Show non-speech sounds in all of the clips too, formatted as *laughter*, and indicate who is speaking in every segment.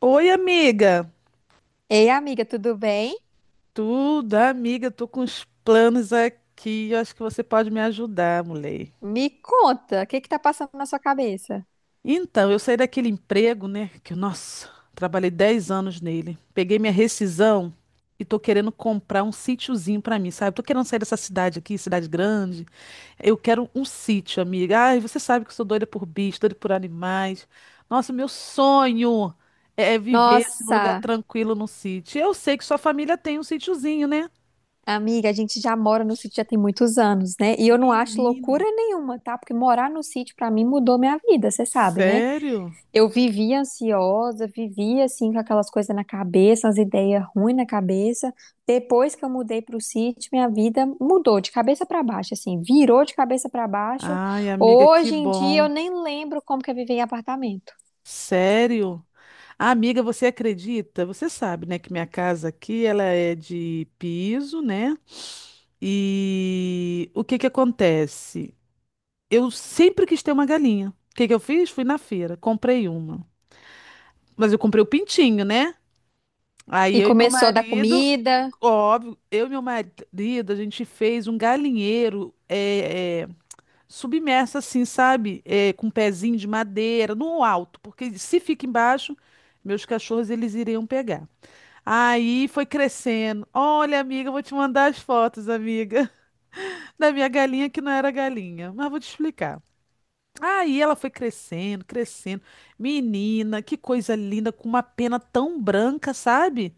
Speaker 1: Oi, amiga.
Speaker 2: Ei, amiga, tudo bem?
Speaker 1: Tudo, amiga, Tô com uns planos aqui. Eu acho que você pode me ajudar, mulher.
Speaker 2: Me conta, o que que tá passando na sua cabeça?
Speaker 1: Então, eu saí daquele emprego, né? Que, nossa, trabalhei 10 anos nele. Peguei minha rescisão e tô querendo comprar um sítiozinho pra mim, sabe? Eu tô querendo sair dessa cidade aqui, cidade grande. Eu quero um sítio, amiga. Ai, você sabe que eu sou doida por bicho, doida por animais. Nossa, meu sonho é viver assim, num lugar
Speaker 2: Nossa,
Speaker 1: tranquilo, num sítio. Eu sei que sua família tem um sítiozinho, né?
Speaker 2: amiga, a gente já mora no sítio já tem muitos anos, né? E eu não acho
Speaker 1: Menina.
Speaker 2: loucura nenhuma, tá? Porque morar no sítio pra mim mudou minha vida, você sabe, né?
Speaker 1: Sério?
Speaker 2: Eu vivia ansiosa, vivia assim com aquelas coisas na cabeça, as ideias ruins na cabeça. Depois que eu mudei pro sítio, minha vida mudou de cabeça pra baixo, assim, virou de cabeça pra baixo.
Speaker 1: Ai, amiga, que
Speaker 2: Hoje em dia eu
Speaker 1: bom.
Speaker 2: nem lembro como que eu vivi em apartamento.
Speaker 1: Sério? Ah, amiga, você acredita? Você sabe, né, que minha casa aqui, ela é de piso, né? E o que que acontece? Eu sempre quis ter uma galinha. O que que eu fiz? Fui na feira, comprei uma. Mas eu comprei o pintinho, né? Aí
Speaker 2: E
Speaker 1: eu e meu
Speaker 2: começou da
Speaker 1: marido,
Speaker 2: comida.
Speaker 1: óbvio, eu e meu marido, a gente fez um galinheiro, é, submersa assim, sabe? É, com um pezinho de madeira, no alto, porque se fica embaixo, meus cachorros eles iriam pegar. Aí foi crescendo. Olha, amiga, eu vou te mandar as fotos, amiga, *laughs* da minha galinha que não era galinha, mas vou te explicar. Aí ela foi crescendo, crescendo. Menina, que coisa linda, com uma pena tão branca, sabe?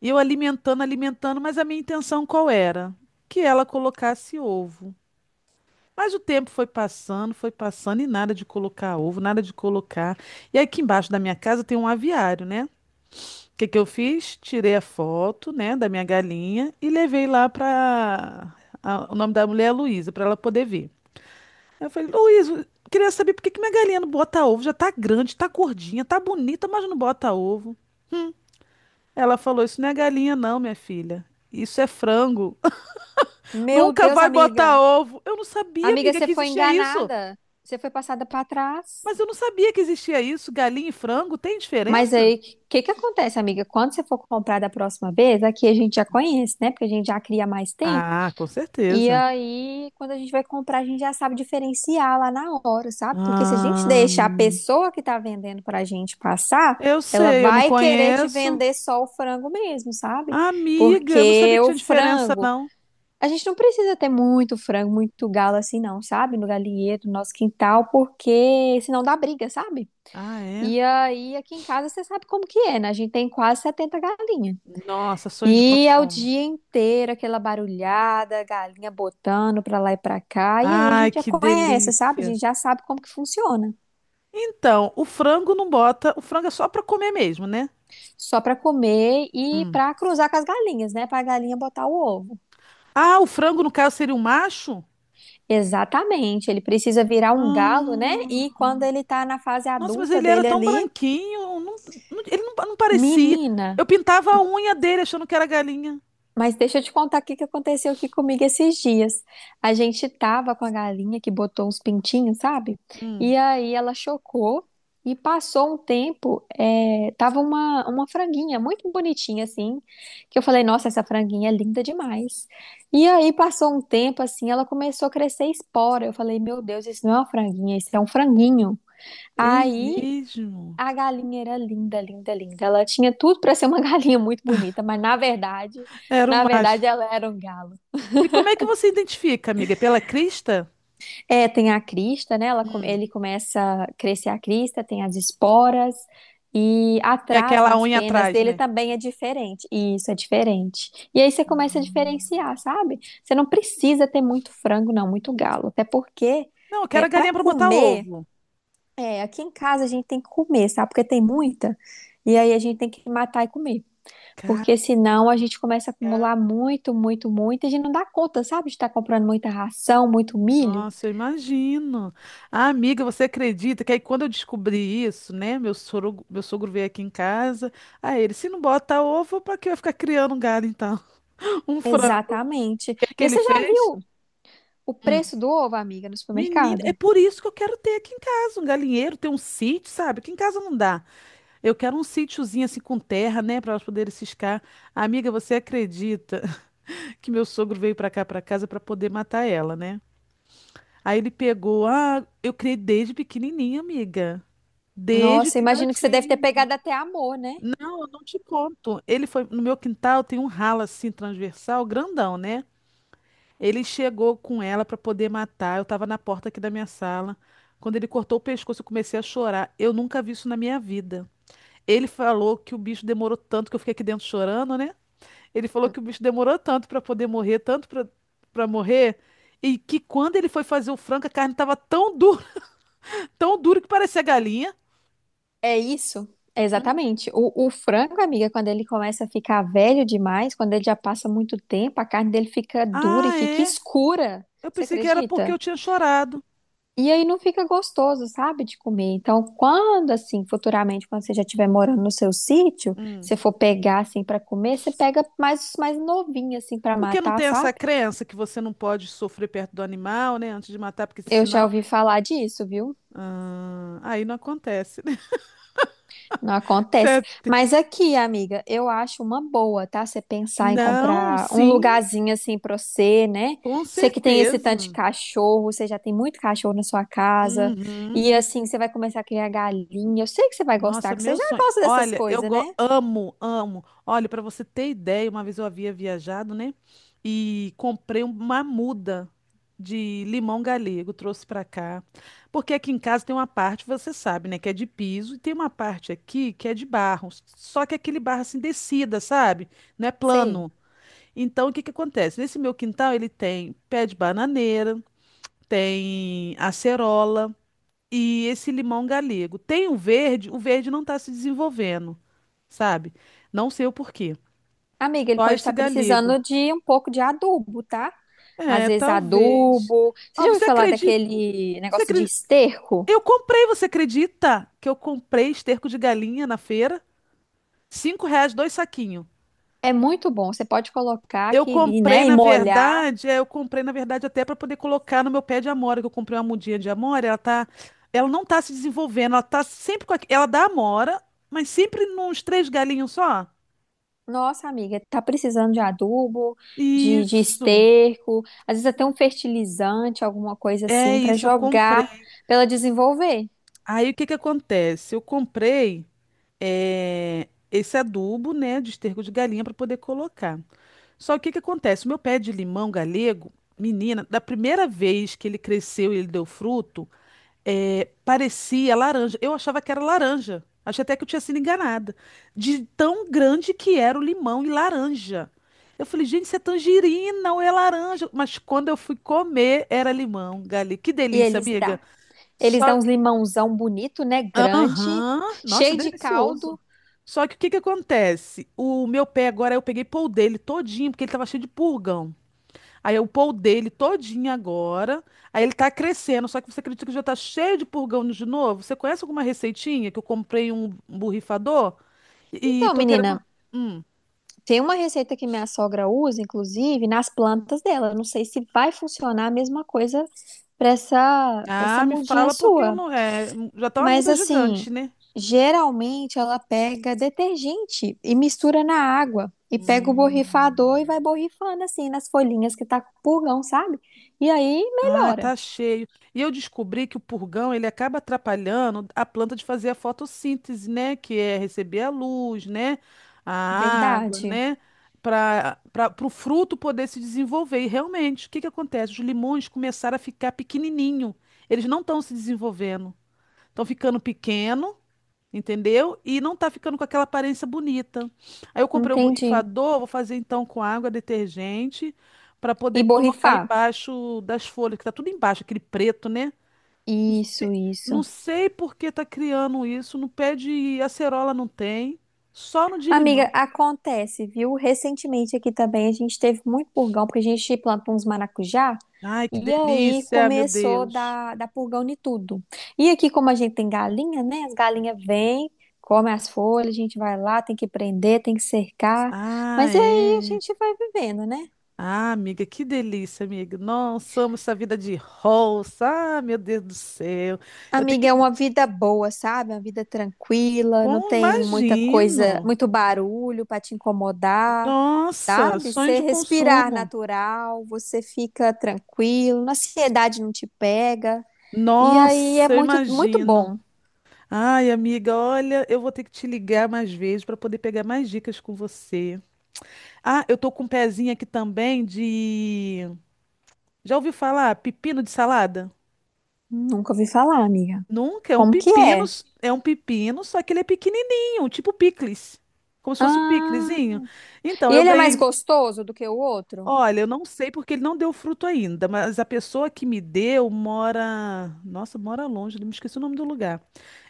Speaker 1: E eu alimentando, alimentando, mas a minha intenção qual era? Que ela colocasse ovo. Mas o tempo foi passando e nada de colocar ovo, nada de colocar. E aqui embaixo da minha casa tem um aviário, né? O que que eu fiz? Tirei a foto, né, da minha galinha e levei lá para o nome da mulher é Luísa, para ela poder ver. Eu falei, Luísa, eu queria saber por que que minha galinha não bota ovo? Já tá grande, tá gordinha, tá bonita, mas não bota ovo. Ela falou, isso não é galinha não, minha filha. Isso é frango. *laughs*
Speaker 2: Meu
Speaker 1: Nunca
Speaker 2: Deus,
Speaker 1: vai botar
Speaker 2: amiga.
Speaker 1: ovo. Eu não sabia,
Speaker 2: Amiga,
Speaker 1: amiga,
Speaker 2: você
Speaker 1: que
Speaker 2: foi
Speaker 1: existia isso.
Speaker 2: enganada. Você foi passada para trás.
Speaker 1: Mas eu não sabia que existia isso. Galinha e frango tem
Speaker 2: Mas
Speaker 1: diferença?
Speaker 2: aí, o que que acontece, amiga? Quando você for comprar da próxima vez, aqui a gente já conhece, né? Porque a gente já cria há mais tempo.
Speaker 1: Ah, com
Speaker 2: E
Speaker 1: certeza.
Speaker 2: aí, quando a gente vai comprar, a gente já sabe diferenciar lá na hora, sabe? Porque se a gente
Speaker 1: Ah,
Speaker 2: deixa a pessoa que tá vendendo pra gente passar,
Speaker 1: eu
Speaker 2: ela
Speaker 1: sei, eu não
Speaker 2: vai querer te
Speaker 1: conheço.
Speaker 2: vender só o frango mesmo, sabe?
Speaker 1: Amiga, eu não sabia
Speaker 2: Porque
Speaker 1: que
Speaker 2: o
Speaker 1: tinha diferença,
Speaker 2: frango.
Speaker 1: não.
Speaker 2: A gente não precisa ter muito frango, muito galo assim, não, sabe? No galinheiro, no nosso quintal, porque senão dá briga, sabe?
Speaker 1: Ah, é?
Speaker 2: E aí, aqui em casa, você sabe como que é, né? A gente tem quase 70 galinhas.
Speaker 1: Nossa, sonho de
Speaker 2: E é o
Speaker 1: consumo.
Speaker 2: dia inteiro aquela barulhada, galinha botando pra lá e pra cá. E aí a
Speaker 1: Ai,
Speaker 2: gente já
Speaker 1: que
Speaker 2: conhece, sabe? A
Speaker 1: delícia.
Speaker 2: gente já sabe como que funciona.
Speaker 1: Então, o frango não bota. O frango é só pra comer mesmo, né?
Speaker 2: Só pra comer e pra cruzar com as galinhas, né? Pra galinha botar o ovo.
Speaker 1: Ah, o frango, no caso, seria um macho?
Speaker 2: Exatamente. Ele precisa virar um galo, né? E
Speaker 1: Ah,
Speaker 2: quando ele tá na fase
Speaker 1: nossa, mas
Speaker 2: adulta
Speaker 1: ele era
Speaker 2: dele
Speaker 1: tão
Speaker 2: ali.
Speaker 1: branquinho. Ele não parecia.
Speaker 2: Menina,
Speaker 1: Eu pintava a unha dele achando que era galinha.
Speaker 2: mas deixa eu te contar o que que aconteceu aqui comigo esses dias. A gente tava com a galinha que botou uns pintinhos, sabe?
Speaker 1: Hum.
Speaker 2: E aí ela chocou e passou um tempo, é, tava uma franguinha muito bonitinha assim, que eu falei, nossa, essa franguinha é linda demais. E aí passou um tempo assim, ela começou a crescer espora. Eu falei, meu Deus, isso não é uma franguinha, isso é um franguinho.
Speaker 1: É
Speaker 2: Aí
Speaker 1: mesmo?
Speaker 2: a galinha era linda, linda, linda. Ela tinha tudo para ser uma *laughs* galinha muito bonita, mas
Speaker 1: Era um
Speaker 2: na
Speaker 1: macho.
Speaker 2: verdade ela era um galo.
Speaker 1: E como é que você identifica, amiga? É pela crista?
Speaker 2: É, tem a crista, né? Ela,
Speaker 1: Hum.
Speaker 2: ele começa a crescer a crista, tem as esporas e
Speaker 1: Que é
Speaker 2: atrás
Speaker 1: aquela
Speaker 2: nas
Speaker 1: unha
Speaker 2: penas
Speaker 1: atrás,
Speaker 2: dele
Speaker 1: né?
Speaker 2: também é diferente. Isso é diferente. E aí você começa a diferenciar, sabe? Você não precisa ter muito frango, não, muito galo, até porque
Speaker 1: Não, eu
Speaker 2: é
Speaker 1: quero a
Speaker 2: para
Speaker 1: galinha para botar
Speaker 2: comer,
Speaker 1: ovo.
Speaker 2: é, aqui em casa a gente tem que comer, sabe? Porque tem muita. E aí a gente tem que matar e comer.
Speaker 1: Cara,
Speaker 2: Porque senão a gente começa a acumular muito, muito, muito, e a gente não dá conta, sabe? De estar comprando muita ração, muito milho.
Speaker 1: nossa, eu imagino. Ah, amiga, você acredita que aí quando eu descobri isso, né? Meu sogro veio aqui em casa. Aí ele, se não bota ovo, para que eu ficar criando um galo então? *laughs* Um frango. O
Speaker 2: Exatamente.
Speaker 1: que é que
Speaker 2: E
Speaker 1: ele
Speaker 2: você já
Speaker 1: fez?
Speaker 2: viu o preço do ovo, amiga, no
Speaker 1: Menina, é
Speaker 2: supermercado?
Speaker 1: por isso que eu quero ter aqui em casa um galinheiro, ter um sítio, sabe? Aqui em casa não dá. Eu quero um sítiozinho assim com terra, né, para elas poderem ciscar. Amiga, você acredita *laughs* que meu sogro veio para cá, para casa, para poder matar ela, né? Aí ele pegou, ah, eu criei desde pequenininha, amiga. Desde
Speaker 2: Nossa, imagino que você deve ter
Speaker 1: filhotinho.
Speaker 2: pegado até amor, né?
Speaker 1: Não, eu não te conto. Ele foi no meu quintal, tem um ralo assim transversal, grandão, né? Ele chegou com ela para poder matar. Eu tava na porta aqui da minha sala. Quando ele cortou o pescoço, eu comecei a chorar. Eu nunca vi isso na minha vida. Ele falou que o bicho demorou tanto que eu fiquei aqui dentro chorando, né? Ele falou que o bicho demorou tanto pra poder morrer, tanto pra para morrer, e que quando ele foi fazer o frango, a carne tava tão dura, *laughs* tão dura que parecia galinha.
Speaker 2: É isso. É,
Speaker 1: Hum.
Speaker 2: exatamente. O frango, amiga, quando ele começa a ficar velho demais, quando ele já passa muito tempo, a carne dele fica dura e
Speaker 1: Ah,
Speaker 2: fica
Speaker 1: é?
Speaker 2: escura.
Speaker 1: Eu
Speaker 2: Você
Speaker 1: pensei que era porque
Speaker 2: acredita?
Speaker 1: eu tinha chorado.
Speaker 2: E aí não fica gostoso, sabe, de comer. Então, quando assim, futuramente, quando você já estiver morando no seu sítio,
Speaker 1: Hum.
Speaker 2: você for pegar assim para comer, você pega mais novinho assim para
Speaker 1: Porque não
Speaker 2: matar,
Speaker 1: tem essa
Speaker 2: sabe?
Speaker 1: crença que você não pode sofrer perto do animal, né? Antes de matar, porque
Speaker 2: Eu
Speaker 1: senão.
Speaker 2: já ouvi falar disso, viu?
Speaker 1: Ah, aí não acontece, né?
Speaker 2: Não
Speaker 1: *laughs*
Speaker 2: acontece.
Speaker 1: Certo.
Speaker 2: Mas aqui, amiga, eu acho uma boa, tá? Você pensar em
Speaker 1: Não,
Speaker 2: comprar um
Speaker 1: sim,
Speaker 2: lugarzinho assim pra você, né?
Speaker 1: com
Speaker 2: Você que tem esse tanto de
Speaker 1: certeza.
Speaker 2: cachorro, você já tem muito cachorro na sua casa.
Speaker 1: Uhum.
Speaker 2: E assim, você vai começar a criar galinha. Eu sei que você vai
Speaker 1: Nossa,
Speaker 2: gostar, que você
Speaker 1: meu
Speaker 2: já
Speaker 1: sonho.
Speaker 2: gosta dessas
Speaker 1: Olha, eu
Speaker 2: coisas,
Speaker 1: go-
Speaker 2: né?
Speaker 1: amo, amo. Olha, para você ter ideia, uma vez eu havia viajado, né? E comprei uma muda de limão galego, trouxe para cá. Porque aqui em casa tem uma parte, você sabe, né, que é de piso, e tem uma parte aqui que é de barro. Só que é aquele barro assim descida, sabe? Não é
Speaker 2: Sei.
Speaker 1: plano. Então, o que que acontece? Nesse meu quintal ele tem pé de bananeira, tem acerola, e esse limão galego. Tem o verde não está se desenvolvendo, sabe? Não sei o porquê.
Speaker 2: Amiga, ele
Speaker 1: Só
Speaker 2: pode
Speaker 1: esse
Speaker 2: estar
Speaker 1: galego.
Speaker 2: precisando de um pouco de adubo, tá? Às
Speaker 1: É,
Speaker 2: vezes
Speaker 1: talvez.
Speaker 2: adubo. Você
Speaker 1: Ah,
Speaker 2: já ouviu
Speaker 1: você
Speaker 2: falar
Speaker 1: acredita?
Speaker 2: daquele
Speaker 1: Você
Speaker 2: negócio de
Speaker 1: acredita?
Speaker 2: esterco?
Speaker 1: Eu comprei, você acredita? Que eu comprei esterco de galinha na feira? R$ 5, dois saquinhos.
Speaker 2: É muito bom. Você pode colocar
Speaker 1: Eu
Speaker 2: aqui, e,
Speaker 1: comprei,
Speaker 2: né, e
Speaker 1: na
Speaker 2: molhar.
Speaker 1: verdade, é, eu comprei, na verdade, até para poder colocar no meu pé de amora, que eu comprei uma mudinha de amora, ela tá, ela não tá se desenvolvendo, ela tá sempre com, ela dá amora, mas sempre nos três galinhos só.
Speaker 2: Nossa, amiga, tá precisando de adubo, de
Speaker 1: Isso,
Speaker 2: esterco, às vezes até um fertilizante, alguma coisa
Speaker 1: é
Speaker 2: assim, para
Speaker 1: isso, eu
Speaker 2: jogar,
Speaker 1: comprei.
Speaker 2: para ela desenvolver.
Speaker 1: Aí o que que acontece? Eu comprei esse adubo, né, de esterco de galinha para poder colocar. Só que o que que acontece? O meu pé de limão galego, menina, da primeira vez que ele cresceu e ele deu fruto, é, parecia laranja. Eu achava que era laranja. Achei até que eu tinha sido enganada. De tão grande que era o limão e laranja. Eu falei, gente, isso é tangerina ou é laranja? Mas quando eu fui comer, era limão, Gali. Que
Speaker 2: E
Speaker 1: delícia,
Speaker 2: eles
Speaker 1: amiga.
Speaker 2: dá. Eles dão
Speaker 1: Só.
Speaker 2: uns limãozão bonito, né? Grande,
Speaker 1: Aham. Nossa,
Speaker 2: cheio de
Speaker 1: delicioso.
Speaker 2: caldo.
Speaker 1: Só que o que que acontece? O meu pé agora, eu peguei pão dele todinho, porque ele tava cheio de purgão. Aí eu pôr o dele todinho agora. Aí ele tá crescendo, só que você acredita que já tá cheio de purgão de novo? Você conhece alguma receitinha que eu comprei um borrifador e
Speaker 2: Então,
Speaker 1: tô querendo.
Speaker 2: menina.
Speaker 1: Hum.
Speaker 2: Tem uma receita que minha sogra usa, inclusive, nas plantas dela. Eu não sei se vai funcionar a mesma coisa para essa, pra
Speaker 1: Ah,
Speaker 2: essa
Speaker 1: me
Speaker 2: mudinha
Speaker 1: fala porque eu
Speaker 2: sua.
Speaker 1: não. É, já tá uma
Speaker 2: Mas,
Speaker 1: muda
Speaker 2: assim,
Speaker 1: gigante, né?
Speaker 2: geralmente ela pega detergente e mistura na água. E pega o borrifador
Speaker 1: Hum.
Speaker 2: e vai borrifando, assim, nas folhinhas que tá com purgão, sabe? E aí
Speaker 1: Ah,
Speaker 2: melhora.
Speaker 1: tá cheio. E eu descobri que o purgão, ele acaba atrapalhando a planta de fazer a fotossíntese, né? Que é receber a luz, né? A água,
Speaker 2: Verdade.
Speaker 1: né? Para o fruto poder se desenvolver. E realmente, o que que acontece? Os limões começaram a ficar pequenininho. Eles não estão se desenvolvendo. Estão ficando pequeno, entendeu? E não tá ficando com aquela aparência bonita. Aí eu comprei o
Speaker 2: Entendi.
Speaker 1: borrifador, vou fazer então com água, detergente, para
Speaker 2: E
Speaker 1: poder colocar
Speaker 2: borrifar.
Speaker 1: embaixo das folhas, que tá tudo embaixo, aquele preto, né? Não sei,
Speaker 2: Isso,
Speaker 1: não
Speaker 2: isso.
Speaker 1: sei por que tá criando isso, no pé de acerola não tem, só no de
Speaker 2: Amiga,
Speaker 1: limão.
Speaker 2: acontece, viu? Recentemente aqui também a gente teve muito purgão, porque a gente plantou uns maracujá
Speaker 1: Ai, que
Speaker 2: e aí
Speaker 1: delícia, meu
Speaker 2: começou a
Speaker 1: Deus.
Speaker 2: dar purgão em tudo. E aqui, como a gente tem galinha, né? As galinhas vêm, comem as folhas, a gente vai lá, tem que prender, tem que cercar.
Speaker 1: Ah,
Speaker 2: Mas aí a
Speaker 1: é.
Speaker 2: gente vai vivendo, né?
Speaker 1: Ah, amiga, que delícia, amiga. Nossa, amo essa vida de roça. Ah, meu Deus do céu. Eu tenho
Speaker 2: Amiga,
Speaker 1: que.
Speaker 2: é uma vida boa, sabe? Uma vida tranquila, não
Speaker 1: Com,
Speaker 2: tem muita coisa,
Speaker 1: imagino.
Speaker 2: muito barulho para te incomodar,
Speaker 1: Nossa,
Speaker 2: sabe?
Speaker 1: sonho
Speaker 2: Você
Speaker 1: de
Speaker 2: respirar
Speaker 1: consumo.
Speaker 2: natural, você fica tranquilo, a ansiedade não te pega. E aí é
Speaker 1: Nossa, eu
Speaker 2: muito, muito
Speaker 1: imagino.
Speaker 2: bom.
Speaker 1: Ai, amiga, olha, eu vou ter que te ligar mais vezes para poder pegar mais dicas com você. Ah, eu tô com um pezinho aqui também de. Já ouviu falar pepino de salada?
Speaker 2: Nunca ouvi falar, amiga.
Speaker 1: Nunca, é um
Speaker 2: Como que
Speaker 1: pepino,
Speaker 2: é?
Speaker 1: é um pepino, só que ele é pequenininho, tipo picles. Como se fosse um
Speaker 2: Ah,
Speaker 1: piclezinho.
Speaker 2: e
Speaker 1: Então, eu
Speaker 2: ele é mais
Speaker 1: ganhei.
Speaker 2: gostoso do que o outro?
Speaker 1: Olha, eu não sei porque ele não deu fruto ainda, mas a pessoa que me deu mora. Nossa, mora longe, me esqueci o nome do lugar.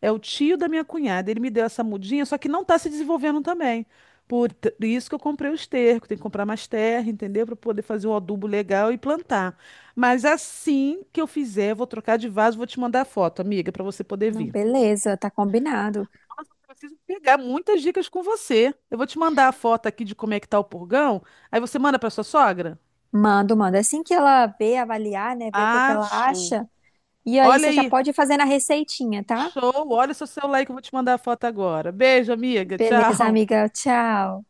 Speaker 1: É o tio da minha cunhada. Ele me deu essa mudinha, só que não está se desenvolvendo também. Isso que eu comprei o esterco. Tem que comprar mais terra, entendeu? Para poder fazer um adubo legal e plantar. Mas assim que eu fizer, eu vou trocar de vaso, vou te mandar a foto, amiga, para você poder
Speaker 2: Não,
Speaker 1: ver.
Speaker 2: beleza, tá combinado.
Speaker 1: Preciso pegar muitas dicas com você. Eu vou te mandar a foto aqui de como é que tá o purgão. Aí você manda para sua sogra?
Speaker 2: Mando, manda. É, assim que ela ver, avaliar, né? Ver o que ela
Speaker 1: Acho.
Speaker 2: acha. E aí
Speaker 1: Olha
Speaker 2: você já
Speaker 1: aí.
Speaker 2: pode fazer na receitinha, tá?
Speaker 1: Show. Olha o seu celular aí que eu vou te mandar a foto agora. Beijo, amiga.
Speaker 2: Beleza,
Speaker 1: Tchau.
Speaker 2: amiga. Tchau.